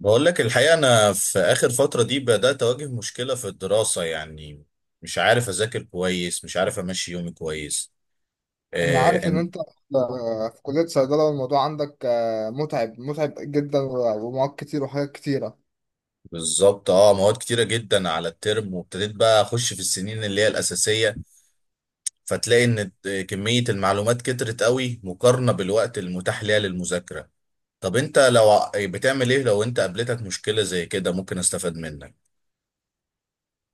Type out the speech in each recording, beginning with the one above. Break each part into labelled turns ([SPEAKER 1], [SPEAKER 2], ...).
[SPEAKER 1] بقول لك الحقيقة، أنا في آخر فترة دي بدأت أواجه مشكلة في الدراسة يعني. مش عارف أذاكر كويس، مش عارف أمشي يومي كويس.
[SPEAKER 2] انا
[SPEAKER 1] آه
[SPEAKER 2] عارف ان
[SPEAKER 1] إن-
[SPEAKER 2] انت في كلية صيدلة والموضوع عندك متعب متعب جدا ومواد كتير وحاجات كتيرة.
[SPEAKER 1] بالظبط، مواد كتيرة جدا على الترم، وابتديت بقى أخش في السنين اللي هي الأساسية. فتلاقي إن كمية المعلومات كترت قوي، مقارنة بالوقت المتاح ليها للمذاكرة. طب أنت لو بتعمل إيه لو أنت قابلتك مشكلة زي كده؟ ممكن أستفاد منك.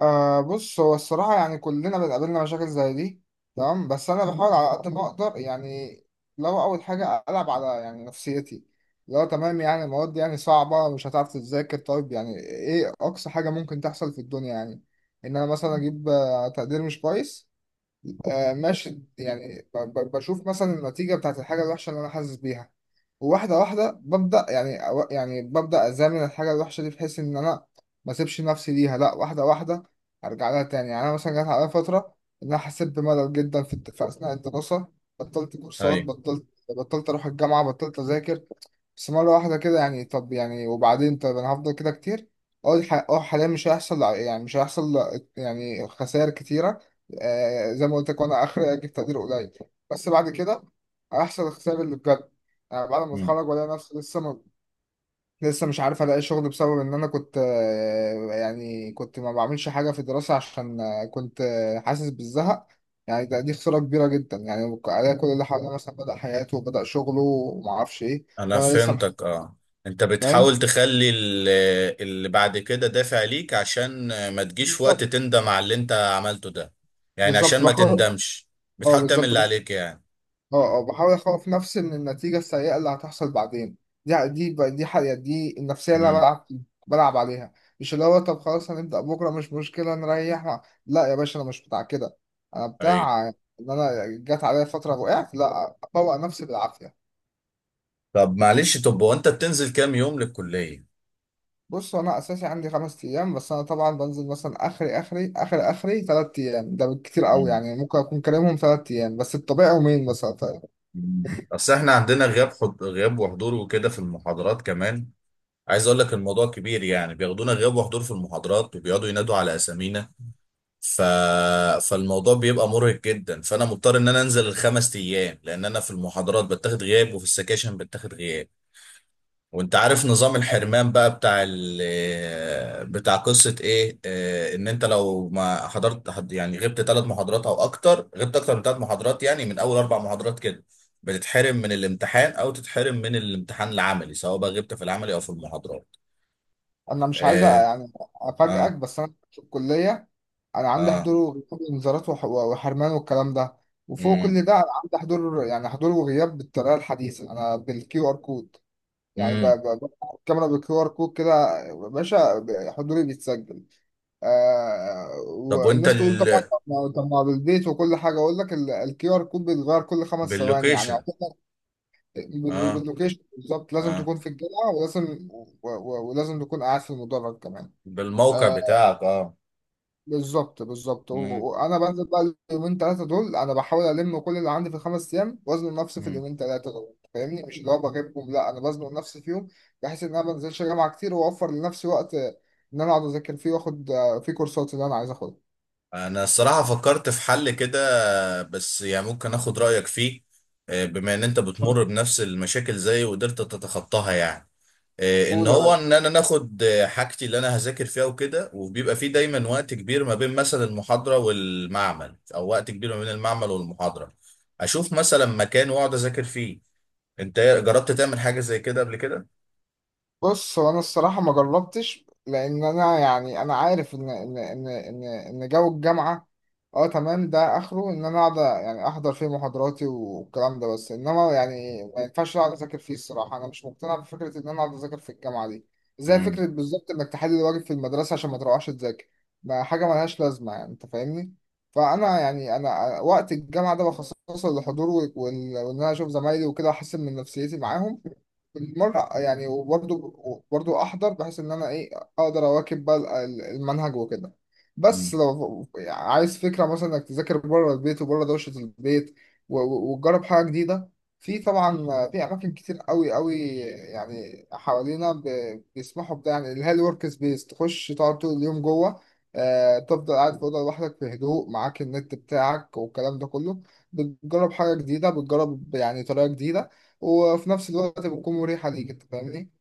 [SPEAKER 2] بص، هو الصراحة يعني كلنا بنقابلنا مشاكل زي دي. تمام، بس أنا بحاول على قد ما أقدر يعني. لو أول حاجة ألعب على يعني نفسيتي، لو تمام يعني المواد يعني صعبة مش هتعرف تذاكر، طيب يعني إيه أقصى حاجة ممكن تحصل في الدنيا؟ يعني إن أنا مثلا أجيب تقدير مش كويس. ماشي، يعني بشوف مثلا النتيجة بتاعت الحاجة الوحشة اللي أنا حاسس بيها، وواحدة واحدة ببدأ، يعني يعني ببدأ أزامن الحاجة الوحشة دي بحيث إن أنا ما أسيبش نفسي ليها، لأ، واحدة واحدة أرجع لها تاني. يعني أنا مثلا جات عليا فترة إن أنا حسيت بملل جدا في أثناء الدراسة. بطلت كورسات،
[SPEAKER 1] أيوة.
[SPEAKER 2] بطلت أروح الجامعة، بطلت أذاكر. بس مرة واحدة كده، يعني طب يعني وبعدين؟ طب أنا هفضل كده كتير؟ أقول ح- أه حاليا مش هيحصل، يعني مش هيحصل يعني خسائر كتيرة. زي ما قلت لك، وأنا آخر أجيب تقدير قليل، بس بعد كده هيحصل الخسائر اللي بجد. انا بعد ما اتخرج والاقي نفسي لسه مش عارف الاقي شغل، بسبب ان انا كنت يعني كنت ما بعملش حاجه في الدراسه عشان كنت حاسس بالزهق. يعني دي خساره كبيره جدا، يعني الاقي كل اللي حواليا مثلا بدا حياته وبدا شغله وما اعرفش ايه،
[SPEAKER 1] انا
[SPEAKER 2] وانا لسه مح-.
[SPEAKER 1] فهمتك، اه. انت
[SPEAKER 2] فاهم.
[SPEAKER 1] بتحاول تخلي اللي بعد كده دافع ليك، عشان ما تجيش في وقت
[SPEAKER 2] بالظبط.
[SPEAKER 1] تندم على اللي انت عملته ده. يعني عشان
[SPEAKER 2] بالظبط
[SPEAKER 1] ما
[SPEAKER 2] بحاول.
[SPEAKER 1] تندمش.
[SPEAKER 2] اه،
[SPEAKER 1] بتحاول تعمل
[SPEAKER 2] بالظبط.
[SPEAKER 1] اللي عليك يعني.
[SPEAKER 2] اه، اه، بحاول اخوف نفسي من النتيجة السيئة اللي هتحصل بعدين. دي حقيقة، دي النفسية اللي انا
[SPEAKER 1] امم.
[SPEAKER 2] بلعب، بلعب عليها. مش اللي هو طب خلاص هنبدأ بكرة مش مشكلة نريح، لا يا باشا، انا مش بتاع كده. انا
[SPEAKER 1] ايوه.
[SPEAKER 2] بتاع ان انا جت عليا فترة وقعت لا افوق نفسي بالعافية.
[SPEAKER 1] طب معلش، طب هو انت بتنزل كام يوم للكلية؟
[SPEAKER 2] بص، انا اساسي عندي 5 ايام، بس انا طبعا بنزل مثلا اخري 3 ايام، ده بالكتير قوي.
[SPEAKER 1] امم.
[SPEAKER 2] يعني ممكن اكون كلامهم 3 ايام، بس الطبيعي يومين مثلا، طيب.
[SPEAKER 1] اصل احنا عندنا غياب غياب وحضور وكده في المحاضرات كمان. عايز اقول لك الموضوع كبير، يعني بياخدونا غياب وحضور في المحاضرات، وبيقعدوا ينادوا على اسامينا. ف... فالموضوع بيبقى مرهق جدا، فانا مضطر ان انا انزل الخمس ايام، لان انا في المحاضرات بتاخد غياب، وفي السكاشن بتاخد غياب. وانت عارف نظام الحرمان بقى بتاع بتاع قصة ايه، ان انت لو ما حضرت يعني غبت ثلاث محاضرات او اكتر، غبت اكتر من ثلاث محاضرات، يعني من اول اربع محاضرات كده بتتحرم من الامتحان، او تتحرم من الامتحان العملي، سواء بقى غبت في العملي او في المحاضرات.
[SPEAKER 2] انا مش عايز
[SPEAKER 1] اه.
[SPEAKER 2] يعني افاجئك،
[SPEAKER 1] اه.
[SPEAKER 2] بس انا في الكلية انا عندي
[SPEAKER 1] اه.
[SPEAKER 2] حضور وغياب، انذارات وحرمان والكلام ده. وفوق
[SPEAKER 1] امم.
[SPEAKER 2] كل ده انا عندي حضور، يعني حضور وغياب بالطريقه الحديثه، انا بالكيو ار كود. يعني
[SPEAKER 1] امم.
[SPEAKER 2] الكاميرا بالكيو ار كود، كده يا باشا حضوري بيتسجل.
[SPEAKER 1] طب وانت
[SPEAKER 2] والناس تقول طبعا طب ما، بالبيت وكل حاجه. اقول لك الكيو ار كود بيتغير كل 5 ثواني، يعني
[SPEAKER 1] باللوكيشن؟
[SPEAKER 2] يعتبر
[SPEAKER 1] اه.
[SPEAKER 2] وباللوكيشن، بالظبط لازم
[SPEAKER 1] اه.
[SPEAKER 2] تكون في الجامعه، ولازم ولازم تكون قاعد في المدرج كمان.
[SPEAKER 1] بالموقع
[SPEAKER 2] آه،
[SPEAKER 1] بتاعك، اه.
[SPEAKER 2] بالظبط بالظبط،
[SPEAKER 1] مم.
[SPEAKER 2] وانا بنزل بقى اليومين ثلاثه دول، انا بحاول الم كل اللي عندي في الخمس ايام وازنق نفسي في
[SPEAKER 1] مم.
[SPEAKER 2] اليومين ثلاثه دول، فاهمني؟ مش اللي هو بغيبهم، لا، انا بزنق نفسي فيهم، بحيث ان انا ما بنزلش جامعه كتير، واوفر لنفسي وقت ان انا اقعد اذاكر فيه، واخد فيه كورسات اللي انا عايز اخدها.
[SPEAKER 1] انا الصراحة فكرت في حل كده، بس يعني ممكن اخد رأيك فيه. بما ان انت بتمر بنفس المشاكل زي وقدرت تتخطاها يعني.
[SPEAKER 2] قول يا باشا.
[SPEAKER 1] ان انا ناخد حاجتي اللي انا هذاكر فيها وكده، وبيبقى فيه دايما وقت كبير ما بين مثلا المحاضرة والمعمل، او وقت كبير ما بين المعمل والمحاضرة. اشوف مثلا مكان واقعد اذاكر فيه. انت جربت تعمل حاجة زي كده قبل كده؟
[SPEAKER 2] بص، هو انا الصراحه ما جربتش، لان انا يعني انا عارف ان جو الجامعه، اه تمام، ده اخره ان انا اقعد يعني احضر فيه محاضراتي والكلام ده، بس انما يعني ما ينفعش اقعد اذاكر فيه. الصراحه انا مش مقتنع بفكره ان انا اقعد اذاكر في الجامعه دي. زي
[SPEAKER 1] مم.
[SPEAKER 2] فكره بالظبط انك تحل الواجب في المدرسه عشان ما تروحش تذاكر، ما حاجه ملهاش لازمه، يعني انت فاهمني. فانا يعني انا وقت الجامعه ده بخصصه للحضور وان انا اشوف زمايلي وكده، احسن من نفسيتي معاهم بالمرة يعني، وبرضه أحضر بحيث إن أنا إيه؟ أقدر أواكب بقى المنهج وكده. بس لو عايز فكرة مثلا إنك تذاكر بره البيت وبره دوشة البيت وتجرب حاجة جديدة، في طبعا في أماكن كتير قوي قوي يعني حوالينا بيسمحوا بده، يعني اللي هي الورك سبيس، تخش تقعد طول اليوم جوه. تفضل قاعد في أوضة لوحدك في هدوء، معاك النت بتاعك والكلام ده كله، بتجرب حاجة جديدة، بتجرب يعني طريقة جديدة، وفي نفس الوقت بتكون مريحة ليك. أنت فاهمني؟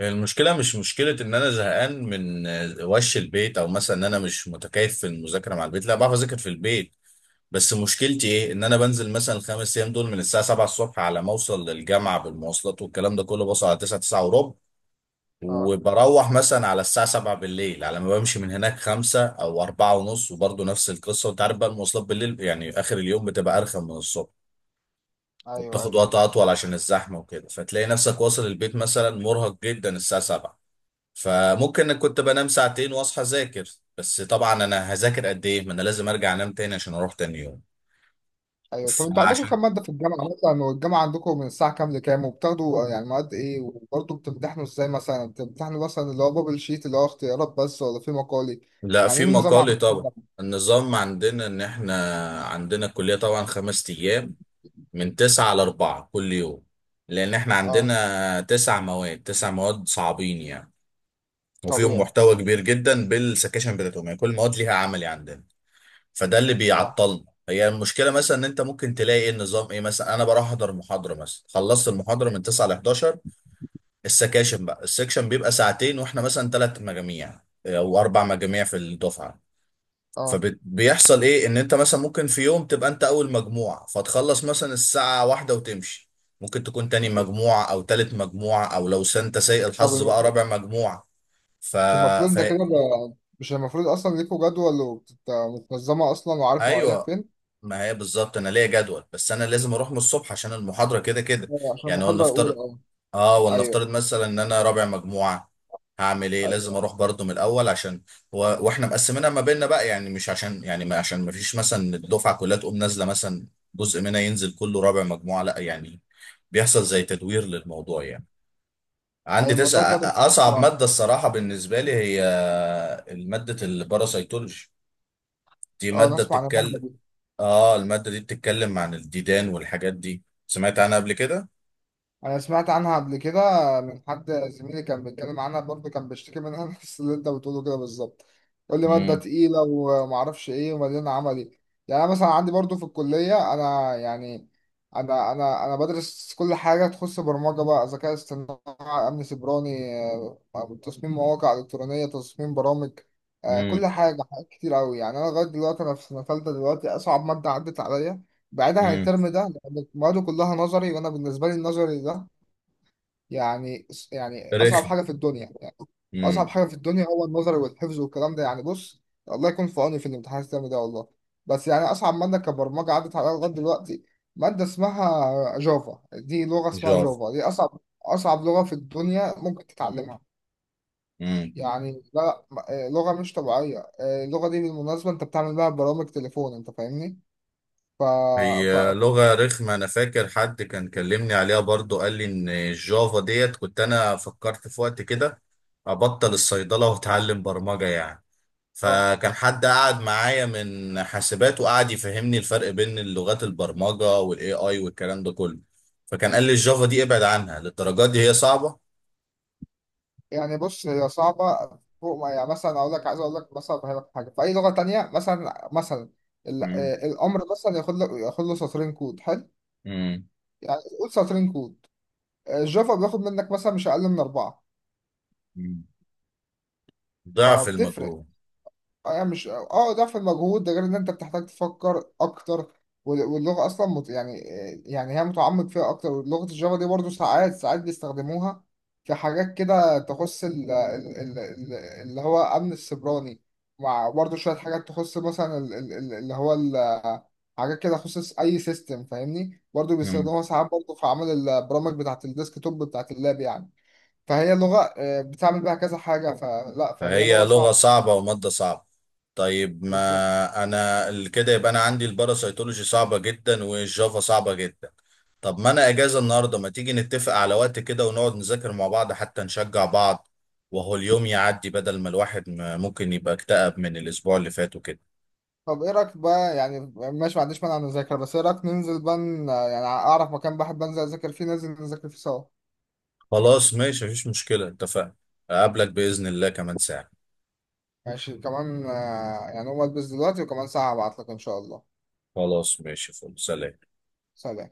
[SPEAKER 1] المشكلة مش مشكلة إن أنا زهقان من وش البيت، أو مثلا إن أنا مش متكيف في المذاكرة مع البيت، لا بعرف أذاكر في البيت. بس مشكلتي إيه؟ إن أنا بنزل مثلا الخمس أيام دول من الساعة 7 الصبح، على ما أوصل للجامعة بالمواصلات والكلام ده كله، بوصل على 9 9 وربع.
[SPEAKER 2] اه،
[SPEAKER 1] وبروح مثلا على الساعة 7 بالليل، على ما بمشي من هناك 5 أو 4 ونص، وبرضه نفس القصة. وأنت عارف بقى المواصلات بالليل، يعني آخر اليوم بتبقى أرخم من الصبح.
[SPEAKER 2] ايوه،
[SPEAKER 1] وبتاخد
[SPEAKER 2] ايوه.
[SPEAKER 1] وقت أطول عشان الزحمة وكده، فتلاقي نفسك واصل البيت مثلا مرهق جدا الساعة 7. فممكن كنت بنام ساعتين واصحى اذاكر، بس طبعا انا هذاكر قد ايه؟ ما انا لازم ارجع انام تاني عشان اروح تاني يوم.
[SPEAKER 2] أيوه، طب أنتوا عندكم
[SPEAKER 1] فعشان
[SPEAKER 2] كام مادة في الجامعة مثلا؟ والجامعة عندكم من الساعة كام لكام؟ وبتاخدوا يعني مواد إيه؟ وبرضه بتمتحنوا إزاي مثلا؟ يعني بتمتحنوا مثلا اللي هو بابل شيت اللي هو اختيارات بس، ولا في مقالي؟
[SPEAKER 1] لا،
[SPEAKER 2] يعني
[SPEAKER 1] في
[SPEAKER 2] إيه النظام
[SPEAKER 1] مقالي
[SPEAKER 2] عندكم في
[SPEAKER 1] طبعا.
[SPEAKER 2] الجامعة؟
[SPEAKER 1] النظام عندنا ان احنا عندنا الكلية طبعا 5 أيام، من 9 لـ4 كل يوم، لان احنا
[SPEAKER 2] أه،
[SPEAKER 1] عندنا تسع مواد صعبين يعني. وفيهم
[SPEAKER 2] طبيعي.
[SPEAKER 1] محتوى كبير جدا بالسكاشن بتاعتهم، يعني كل مواد ليها عملي عندنا. فده اللي
[SPEAKER 2] اه،
[SPEAKER 1] بيعطلنا هي المشكله، مثلا ان انت ممكن تلاقي إيه النظام، ايه مثلا؟ انا بروح احضر محاضره مثلا، خلصت المحاضره من 9 ل 11. السكاشن بقى السكشن بيبقى ساعتين، واحنا مثلا ثلاث مجاميع او اربع مجاميع في الدفعه.
[SPEAKER 2] اه.
[SPEAKER 1] فبيحصل ايه، ان انت مثلا ممكن في يوم تبقى انت اول مجموعه فتخلص مثلا الساعه واحدة وتمشي. ممكن تكون تاني مجموعه، او تالت مجموعه، او لو انت سيء
[SPEAKER 2] طب
[SPEAKER 1] الحظ بقى،
[SPEAKER 2] المفروض،
[SPEAKER 1] رابع مجموعه. ف...
[SPEAKER 2] مش المفروض
[SPEAKER 1] ف...
[SPEAKER 2] ده كده بقى، مش المفروض أصلا ليكوا جدول ومتنظمة أصلا وعارف مواعيدك
[SPEAKER 1] ايوه.
[SPEAKER 2] فين؟
[SPEAKER 1] ما هي بالظبط انا ليا جدول، بس انا لازم اروح من الصبح عشان المحاضره كده كده.
[SPEAKER 2] عشان
[SPEAKER 1] يعني
[SPEAKER 2] المحاضرة الأولى،
[SPEAKER 1] ولنفترض،
[SPEAKER 2] أه. ايوه،
[SPEAKER 1] مثلا ان انا رابع مجموعه. هعمل ايه؟ لازم
[SPEAKER 2] ايوه.
[SPEAKER 1] اروح برضو من الاول عشان واحنا مقسمينها ما بيننا بقى، يعني مش عشان يعني ما عشان ما فيش مثلا الدفعه كلها تقوم نازله مثلا، جزء منها ينزل كله رابع مجموعه، لا يعني، بيحصل زي تدوير للموضوع يعني.
[SPEAKER 2] أيوة،
[SPEAKER 1] عندي
[SPEAKER 2] الموضوع ده
[SPEAKER 1] تسع
[SPEAKER 2] أنا
[SPEAKER 1] اصعب
[SPEAKER 2] بسمع-.
[SPEAKER 1] ماده الصراحه بالنسبه لي، هي ماده الباراسيتولوجي. دي
[SPEAKER 2] أه،
[SPEAKER 1] ماده
[SPEAKER 2] نسمع عن المادة
[SPEAKER 1] بتتكلم.
[SPEAKER 2] دي.
[SPEAKER 1] اه. المادة دي بتتكلم عن الديدان والحاجات دي، سمعت عنها قبل كده.
[SPEAKER 2] انا سمعت عنها قبل كده من حد زميلي كان بيتكلم عنها، برضه كان بيشتكي منها نفس اللي انت بتقوله كده بالظبط، يقول لي ماده
[SPEAKER 1] امم.
[SPEAKER 2] تقيله ومعرفش ايه ومليانه عملي. يعني انا مثلا عندي برضه في الكليه، انا يعني انا بدرس كل حاجه تخص برمجه بقى، ذكاء اصطناعي، امن سيبراني، تصميم مواقع الكترونيه، تصميم برامج،
[SPEAKER 1] امم.
[SPEAKER 2] كل حاجه، حاجات كتير قوي. يعني انا لغايه دلوقتي انا في سنه ثالثه دلوقتي، اصعب ماده عدت عليا بعيدا عن
[SPEAKER 1] امم.
[SPEAKER 2] الترم ده لأن المواد كلها نظري، وانا بالنسبه لي النظري ده يعني اصعب
[SPEAKER 1] رخم.
[SPEAKER 2] حاجه في الدنيا. يعني اصعب
[SPEAKER 1] امم.
[SPEAKER 2] حاجه في الدنيا هو النظر والحفظ والكلام ده، يعني بص، الله يكون في عوني في الامتحان السنه ده والله. بس يعني اصعب ماده كبرمجه عدت عليا لغايه دلوقتي، ماده اسمها جافا، دي لغه اسمها
[SPEAKER 1] جافا.
[SPEAKER 2] جافا، دي اصعب اصعب لغه في الدنيا ممكن تتعلمها.
[SPEAKER 1] امم.
[SPEAKER 2] يعني لا لغه مش طبيعيه، اللغه دي بالمناسبه انت بتعمل بيها برامج تليفون، انت فاهمني؟ ف...
[SPEAKER 1] هي لغة رخمة، انا فاكر حد كان كلمني عليها برضو، قال لي ان الجافا ديت. كنت انا فكرت في وقت كده ابطل الصيدلة واتعلم برمجة يعني.
[SPEAKER 2] ف...
[SPEAKER 1] فكان حد قعد معايا من حاسبات، وقعد يفهمني الفرق بين اللغات البرمجة والاي اي والكلام ده كله. فكان قال لي الجافا دي ابعد عنها للدرجات دي، هي صعبة.
[SPEAKER 2] يعني بص، هي صعبة. فوق ما يعني مثلا، أقول لك عايز أقول لك مثلا أفهمك حاجة في أي لغة تانية، مثلا الأمر مثلا ياخد له سطرين كود حلو،
[SPEAKER 1] مم.
[SPEAKER 2] يعني قول سطرين كود. الجافا بياخد منك مثلا مش أقل من أربعة.
[SPEAKER 1] مم. ضعف
[SPEAKER 2] فبتفرق.
[SPEAKER 1] المجهول.
[SPEAKER 2] يعني مش ضعف المجهود ده، غير ان انت بتحتاج تفكر اكتر، واللغه اصلا يعني يعني هي متعمق فيها اكتر، ولغه الجافا دي برضو ساعات ساعات بيستخدموها في حاجات كده تخص اللي هو امن السيبراني، مع برضو شويه حاجات تخص مثلا حاجات كده تخص اي سيستم، فاهمني؟ برضو
[SPEAKER 1] مم.
[SPEAKER 2] بيستخدموها ساعات برضو في عمل البرامج بتاعه الديسك توب بتاعه اللاب يعني، فهي لغه بتعمل بيها كذا حاجه، فهي
[SPEAKER 1] فهي
[SPEAKER 2] لغه
[SPEAKER 1] لغة
[SPEAKER 2] صعبه.
[SPEAKER 1] صعبة ومادة صعبة. طيب،
[SPEAKER 2] بالظبط.
[SPEAKER 1] ما انا كده يبقى انا عندي الباراسيتولوجي صعبة جدا، والجافا صعبة جدا. طب ما انا اجازة النهاردة، ما تيجي نتفق على وقت كده ونقعد نذاكر مع بعض حتى نشجع بعض، وهو اليوم يعدي، بدل ما الواحد ممكن يبقى اكتئب من الاسبوع اللي فات وكده.
[SPEAKER 2] طب ايه رايك بقى، يعني ماشي، ما عنديش مانع نذاكر، بس ايه رايك ننزل بقى، يعني اعرف مكان بحب انزل اذاكر فيه، ننزل نذاكر فيه سوا.
[SPEAKER 1] خلاص، ماشي، مفيش مشكلة، اتفقنا. اقابلك بإذن الله كمان ساعة.
[SPEAKER 2] ماشي كمان، يعني اقوم البس دلوقتي وكمان ساعة هبعتلك ان شاء الله.
[SPEAKER 1] خلاص، ماشي، فل سلام.
[SPEAKER 2] سلام.